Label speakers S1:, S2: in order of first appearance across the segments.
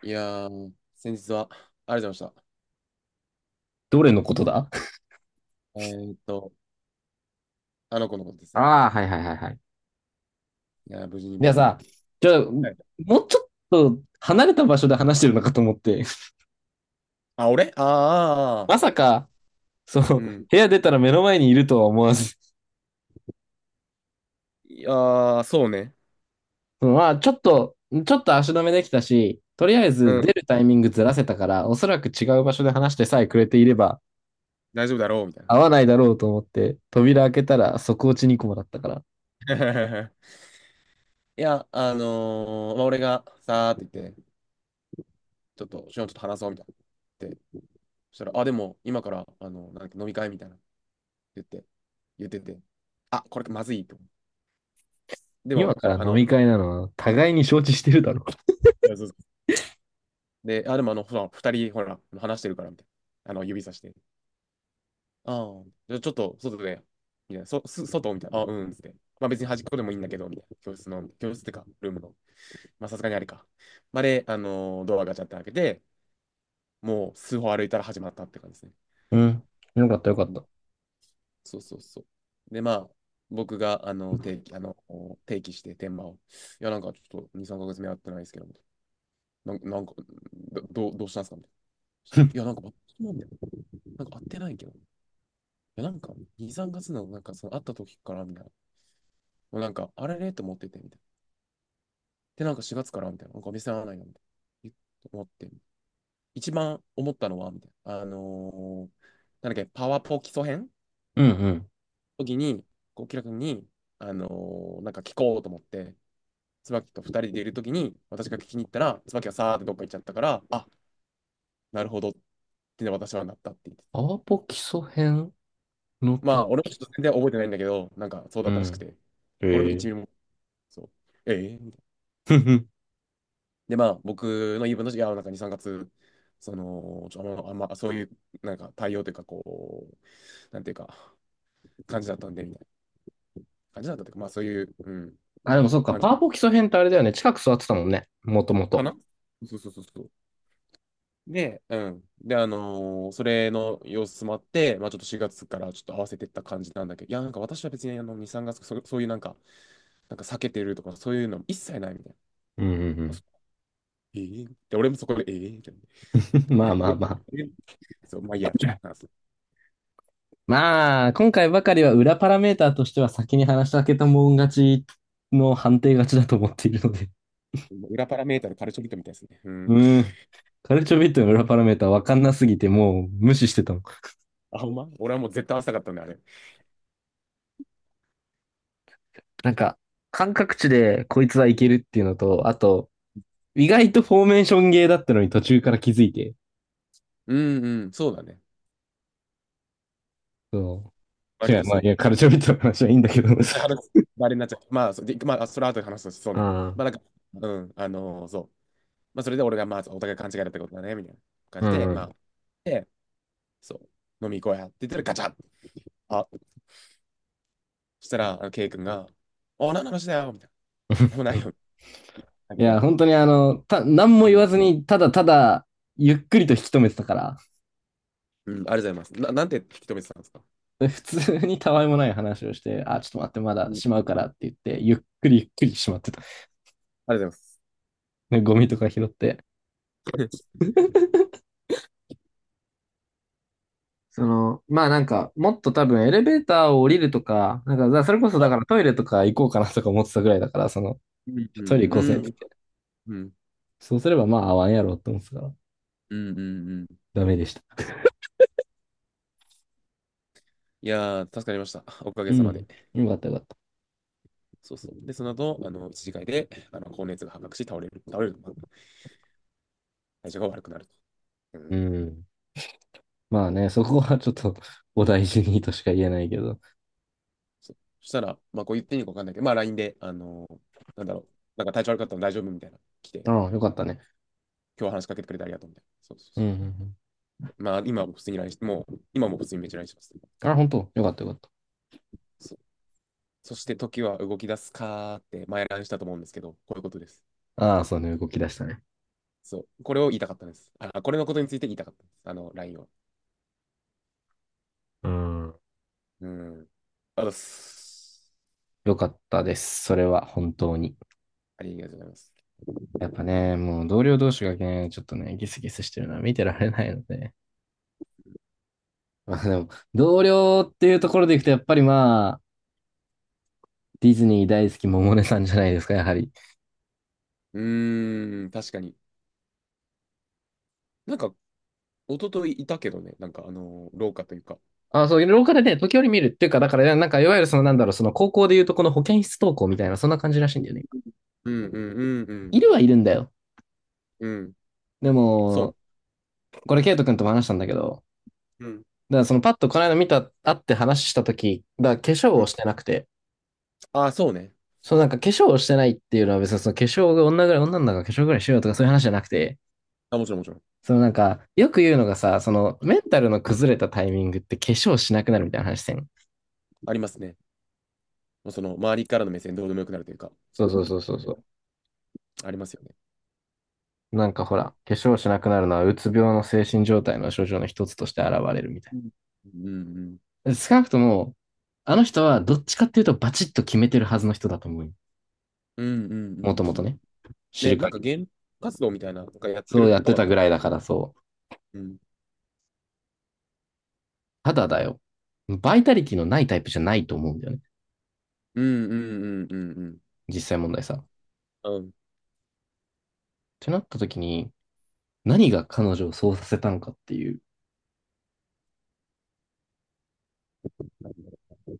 S1: いやー、先日はありがとうございました。
S2: どれのことだ。
S1: えーっと、あの子のことですね。
S2: ああ、はいはいはいはい。
S1: いやー、無事に
S2: い
S1: 無
S2: や
S1: 事に。
S2: さ、じゃあ、
S1: は
S2: も
S1: い。
S2: うちょっと離れた場所で話してるのかと思って、
S1: あ、俺あー あー、
S2: ま
S1: あ
S2: さか、そ
S1: ー
S2: の、
S1: う
S2: 部
S1: ん。
S2: 屋出たら目の前にいるとは思わず、
S1: いやー、そうね。
S2: そのまあ、ちょっと足止めできたし、とりあえず
S1: う
S2: 出
S1: ん。
S2: るタイミングずらせたから、おそらく違う場所で話してさえくれていれば、
S1: 大丈夫だろう、みたいな。
S2: 合わないだろうと思って、扉開けたら即落ち2コもだったから、
S1: いや、まあ、俺がさーって言って、ちょっと、しのちょっと話そう、みたいな。って、そしたら、あ、でも、今から、なんだっけ、飲み会みたいな。言って、言ってて、あ、これまずいと思う。でも、
S2: 今
S1: そし
S2: か
S1: た
S2: ら
S1: ら、あ
S2: 飲み
S1: の、
S2: 会なのは互いに承知してるだろ
S1: いやそうそう。で、あ、でも、あの、ほら、二人、ほら、話してるから、みたいな。あの、指さして。ああ。じゃあちょっと外で、みたいな。外みたいな。あ、うん、つって。まあ別に端っこでもいいんだけど、みたいな。教室の、教室ってか、ルームの。まあさすがにあれか。まあで、ドアガチャって開けて、もう数歩歩いたら始まったって感じですね。
S2: う。うん。よかったよか
S1: う
S2: っ
S1: ん、
S2: た。
S1: そうそうそう。で、まあ、僕が、定期、定期して、天満を。いや、なんかちょっと2、3ヶ月目会ってないですけど、みたいな。なんか、どうしたんですかみたいな。そしたら いや、なんか、なんか会ってないけど。いや、なんか、2、3月の、なんか、その、会った時から、みたいな。もうなんか、あれれと思ってて、みたいな。で、なんか4月からみたいな。なんかお店合わないな、みたいな。思って。一番思ったのは、みたいな。なんだっけ、パワポ基礎編
S2: うんうん。
S1: 時に、こう、キラ君に、あのなんか聞こうと思って、椿と二人でいる時に、私が聞きに行ったら、椿がさーってどっか行っちゃったから、あ、なるほどってね、私はなったって言って。
S2: アワポ基礎編ノー
S1: まあ、
S2: ト。
S1: 俺もちょっと全然覚えてないんだけど、なんかそう
S2: う
S1: だったらしく
S2: ん。
S1: て。俺も
S2: へ
S1: 一
S2: え。
S1: ミリも、そう。ええーみたいな。
S2: ふふ。
S1: で、まあ、僕の言い分として、いや、なんか2、3月、その、あんまそういう、なんか対応というか、こう、なんていうか、感じだったんで、みたいな感じだったというか、まあ、そういう、うん、
S2: あ、でもそっか、
S1: 感じ
S2: パワポ基礎編ってあれだよね。近く座ってたもんね。もとも
S1: か
S2: と。
S1: な。そうそうそうそう。で、うん。で、それの様子もあって、まあ、ちょっと4月からちょっと合わせてった感じなんだけど、いや、なんか私は別に、あの、2、3月、そういうなんか、なんか避けてるとか、そういうの一切ないみたいな。
S2: うんう
S1: あ、
S2: ん。
S1: そう、ええ。で、俺もそこで、ええみたいな。あ
S2: まあ
S1: れ、
S2: まあま
S1: あ
S2: あ。
S1: れそう、まあいいや。
S2: まあ、今回ばかりは裏パラメーターとしては先に話したけたもん勝ちの判定勝ちだと思っているので。
S1: 裏パラメータのカルチョビットみたいですね。う
S2: う
S1: ん。
S2: ーん。カルチョビットの裏パラメーターわかんなすぎてもう無視してたの。
S1: あ、ほんま俺はもう絶対合わせたかったんだあれ。
S2: なんか、感覚値でこいつはいけるっていうのと、あと、意外とフォーメーションゲーだったのに途中から気づいて。
S1: うんうん、そうだね。
S2: そう。
S1: 割
S2: 違う、
S1: と
S2: まあ、
S1: そ
S2: い
S1: う。
S2: や、カルチョビットの話はいいんだけど。
S1: 話すあれになっちゃう。まあ、そでまあ、あそれは後で話すとしそう
S2: あ
S1: ね。
S2: あ、
S1: まあ、なんか、うん、そう。まあ、それで俺が、まあ、お互い勘違いだったことだね、みたいな感
S2: う
S1: じで、
S2: んう
S1: まあ、
S2: ん。
S1: で、そう、飲み行こうやって言ったらガチャッ、あ、そしたら、あのケイ君が、あ、何の話だよみたいな。ももないよ。だ
S2: い
S1: け
S2: や、
S1: ど、
S2: 本当にあの、何も
S1: う
S2: 言わ
S1: ん、
S2: ずに、ただただ、ゆっくりと引き止めてたから、
S1: うん、ありがとうございます。なんて引き止めてたんですか。
S2: 普通にたわいもない話をして、あ、ちょっと待って、ま
S1: う
S2: だ
S1: ん、
S2: しまうからって言って、ゆっくりゆっくりしまってた。
S1: ありがとうございます。
S2: ねゴミとか拾って。その、まあなんか、もっと多分エレベーターを降りるとか、なんか、だそれこそ だか
S1: あ、
S2: らトイレとか行こうかなとか思ってたぐらいだから、その、
S1: うん、う
S2: トイレ
S1: ん、
S2: 行こうぜっ
S1: う
S2: て
S1: ん、
S2: 言って。
S1: うん、うん、
S2: そうすればまあ合わんやろうって思ってたから、
S1: うん、うん、うん、
S2: ダメでした。
S1: いやー、助かりました。おかげ
S2: う
S1: さまで。
S2: ん。よかったよかった。
S1: そうそう。で、その後、あの、一次会で、あの、高熱が発覚し、倒れる、倒れる、まあ体調が悪くなると。う
S2: う
S1: ん。
S2: ん。まあね、そこはちょっと お大事にとしか言えないけど。
S1: そう。そしたら、まあ、こう言っていいのかわかんないけど、まあ、LINE で、なんだろう、なんか体調悪かったの大丈夫みたいな、来て、
S2: ああ、よかったね。
S1: 今日話しかけてくれてありがとうみたいな。そうそう
S2: うん
S1: そ
S2: うん
S1: う。まあ、今も普通に LINE して、もう、今も普通にめっちゃ LINE してます。
S2: うん。あ、本当よかったよかった。
S1: そう。そして、時は動き出すかーって、前 LINE したと思うんですけど、こういうことです。
S2: ああ、そうね、動き出したね。
S1: そう。これを言いたかったんです。あ、これのことについて言いたかったんです。あの、LINE を。
S2: うん。
S1: うん。ありがとうございます。
S2: よかったです。それは本当に。
S1: ありがとうございます。
S2: やっぱね、もう同僚同士がね、ちょっとね、ギスギスしてるのは見てられないので。まあでも、同僚っていうところでいくと、やっぱりまあ、ディズニー大好き百音さんじゃないですか、やはり。
S1: うーん、確かに。なんか、一昨日いたけどね、なんか、廊下というか。
S2: あ、そう、廊下でね、時折見るっていうか、だから、なんか、いわゆるその、なんだろう、その高校でいうとこの保健室登校みたいな、そんな感じらしいんだよね。
S1: うんうんう
S2: い
S1: ん
S2: るはいるんだよ。
S1: うん。うん。
S2: で
S1: そう。
S2: も、これ、ケイト君とも話したんだけど、
S1: うん。
S2: だからそのパッとこの間見た、会って話した時だから化粧
S1: う
S2: を
S1: ん、
S2: してなくて、
S1: ああ、そうね。
S2: そのなんか化粧をしてないっていうのは別にその化粧が女ぐらい、女の子が化粧ぐらいしようとかそういう話じゃなくて、
S1: あ、もちろんもちろん。
S2: そのなんか、よく言うのがさ、そのメンタルの崩れたタイミングって化粧しなくなるみたいな話してん。
S1: ありますね。もうその、周りからの目線どうでもよくなるというか、そ
S2: そうそう
S1: の、
S2: そうそうそう。
S1: ありますよね。
S2: なんかほら、化粧しなくなるのはうつ病の精神状態の症状の一つとして現れるみたい
S1: うんうんうん。
S2: な。少なくとも、あの人はどっちかっていうとバチッと決めてるはずの人だと思うよ。
S1: うんうん
S2: もと
S1: う
S2: も
S1: んう
S2: と
S1: ん。
S2: ね。知
S1: ね、
S2: る
S1: なんか、
S2: 限
S1: ゲーム活動みたいな、なんかやって
S2: そう
S1: る
S2: やっ
S1: っ
S2: て
S1: ぽか
S2: たぐ
S1: った。
S2: らいだからそう。
S1: うん。
S2: ただだよ。バイタリティのないタイプじゃないと思うんだよね。
S1: うんうんうんうん
S2: 実際問題さ。っ
S1: うん。うん。
S2: てなった時に、何が彼女をそうさせたのかっていう。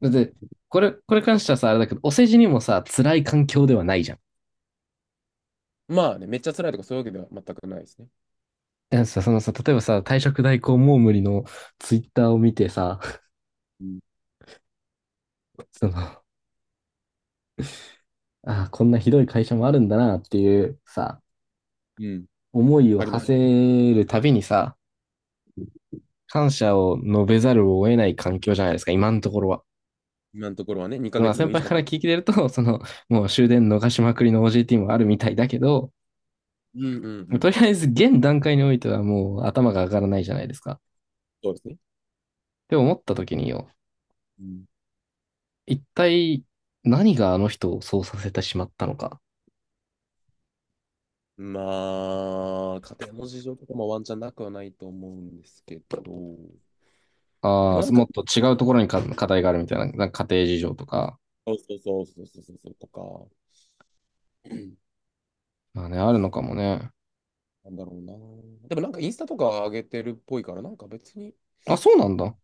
S2: だって、これ、これ関してはさ、あれだけど、お世辞にもさ、辛い環境ではないじゃん。
S1: まあね、めっちゃ辛いとかそういうわけでは全くないですね。
S2: だからさ、そのさ、例えばさ、退職代行もう無理のツイッターを見てさ、
S1: うん。
S2: その、ああ、こんなひどい会社もあるんだなっていうさ、
S1: うん。
S2: 思いを
S1: ありま
S2: 馳
S1: す。
S2: せるたびにさ、感謝を述べざるを得ない環境じゃないですか、今のところは。
S1: 今のところはね、2
S2: ま
S1: ヶ
S2: あ
S1: 月も
S2: 先
S1: いいです
S2: 輩
S1: か。
S2: から聞いてると、その、もう終電逃しまくりの OJT もあるみたいだけど、
S1: うんうんう
S2: と
S1: ん。
S2: りあえず現段階においてはもう頭が上がらないじゃないですか。っ
S1: そうですね。
S2: て思った時によ、
S1: うん。
S2: 一体何があの人をそうさせてしまったのか。
S1: まあ、家庭の事情とかもワンチャンなくはないと思うんですけど、で
S2: あ
S1: もな
S2: あ、
S1: んか、
S2: もっと違うところにか課題があるみたいな、なんか家庭事情とか、
S1: そうそうそうそうそうそうそうとか、うん、
S2: まあね、あるのかもね。
S1: なんだろうな。でもなんかインスタとか上げてるっぽいから、なんか別に、
S2: あ、そうなんだ。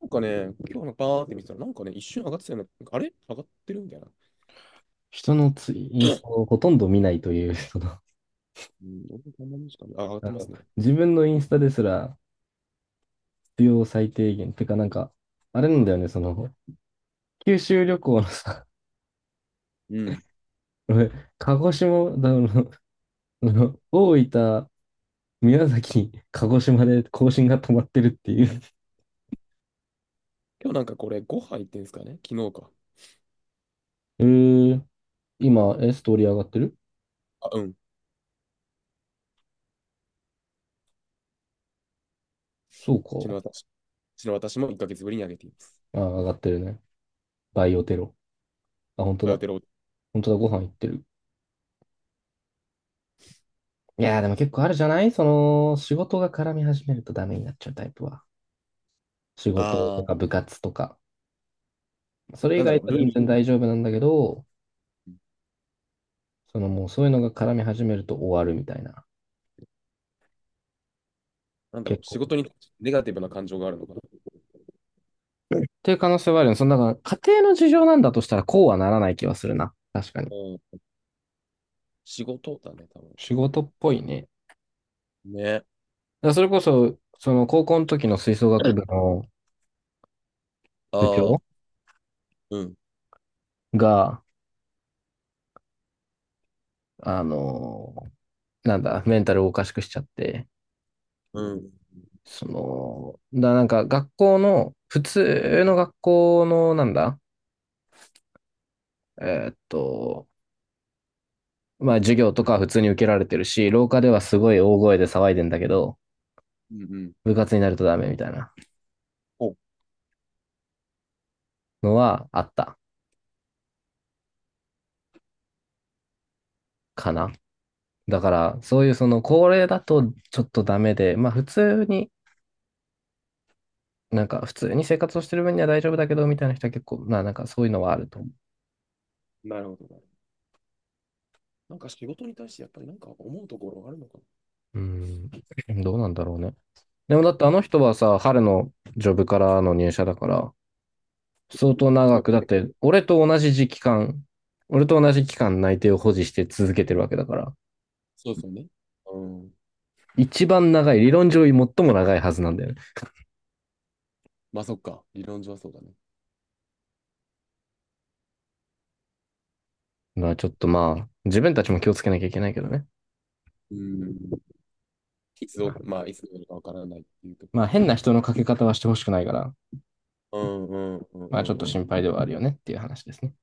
S1: なんかね、今日のバーって見てたら、なんかね、一瞬上がってたよね。なんかあれ上がってるみたいな。
S2: 人のツイインスタをほとんど見ないという、その、あ
S1: うん、俺もこんなもんしか上がって
S2: の、
S1: ますね。
S2: 自分のインスタですら必要最低限。てかなんか、あれなんだよね、その、九州旅行のさ、
S1: うん。
S2: 俺鹿児島、だ、あの、の大分、宮崎、鹿児島で更新が止まってるっていう。
S1: 今日なんかこれ5杯行ってんですかね昨日か。
S2: えー、今、ストーリー上がってる？
S1: あ、うん。
S2: そう
S1: 昨日
S2: か。
S1: 私、昨日私も1ヶ月ぶりに上げています。
S2: あ、上がってるね。バイオテロ。あ、本当
S1: バイオ
S2: だ。
S1: テロ。
S2: 本当だ、ご飯行ってる。いやー、でも結構あるじゃないその、仕事が絡み始めるとダメになっちゃうタイプは。仕事とか
S1: あ、
S2: 部活とか。それ以
S1: なんだろ
S2: 外
S1: う、
S2: は
S1: ルー
S2: 全
S1: ル、
S2: 然大丈夫なんだけど、そのもうそういうのが絡み始めると終わるみたいな。
S1: なんだ
S2: 結
S1: ろう、仕
S2: 構
S1: 事にネガティブな感情があるのかな。
S2: っていう可能性はあるよね。その、だから家庭の事情なんだとしたらこうはならない気はするな。確かに。
S1: うん、仕事だね、多分。
S2: 仕
S1: う
S2: 事っぽいね。
S1: んね。
S2: だからそれこそ、その高校の時の吹奏楽部の部
S1: あ
S2: 長
S1: あ、うん、
S2: が、あのなんだ、メンタルをおかしくしちゃって、
S1: うん、
S2: その、だなんか学校の、普通の学校の、なんだ、えーっと、まあ授業とかは普通に受けられてるし、廊下ではすごい大声で騒いでんだけど、
S1: うん、うん。
S2: 部活になるとダメみたいな
S1: お、
S2: のはあったかな。だから、そういうその高齢だとちょっとダメで、まあ普通に、なんか普通に生活をしてる分には大丈夫だけど、みたいな人は結構、まあなんかそういうのはあると思
S1: なるほど。ね、なんか仕事に対してやっぱりなんか思うところがあるのかな。
S2: う。うん、どうなんだろうね。でもだってあの人はさ、春のジョブからの入社だから、相当
S1: そ
S2: 長く、だっ
S1: う
S2: て俺と同じ時期間、俺と同じ期間内定を保持して続けてるわけだから、
S1: そう、そうね。うん。
S2: 一番長い、理論上最も長いはずなんだよね。
S1: まあそっか、理論上はそうだね。
S2: まあちょっとまあ、自分たちも気をつけなきゃいけないけどね。
S1: うん。いつ
S2: ま
S1: ど、
S2: あ
S1: まあいつどうなるかわからないっていうとこ
S2: まあ
S1: ろで
S2: 変
S1: は。
S2: な人のかけ方はしてほしくないから、
S1: うんうんうん
S2: ま
S1: う
S2: あち
S1: ん
S2: ょっと
S1: う
S2: 心
S1: ん。
S2: 配ではあるよねっていう話ですね。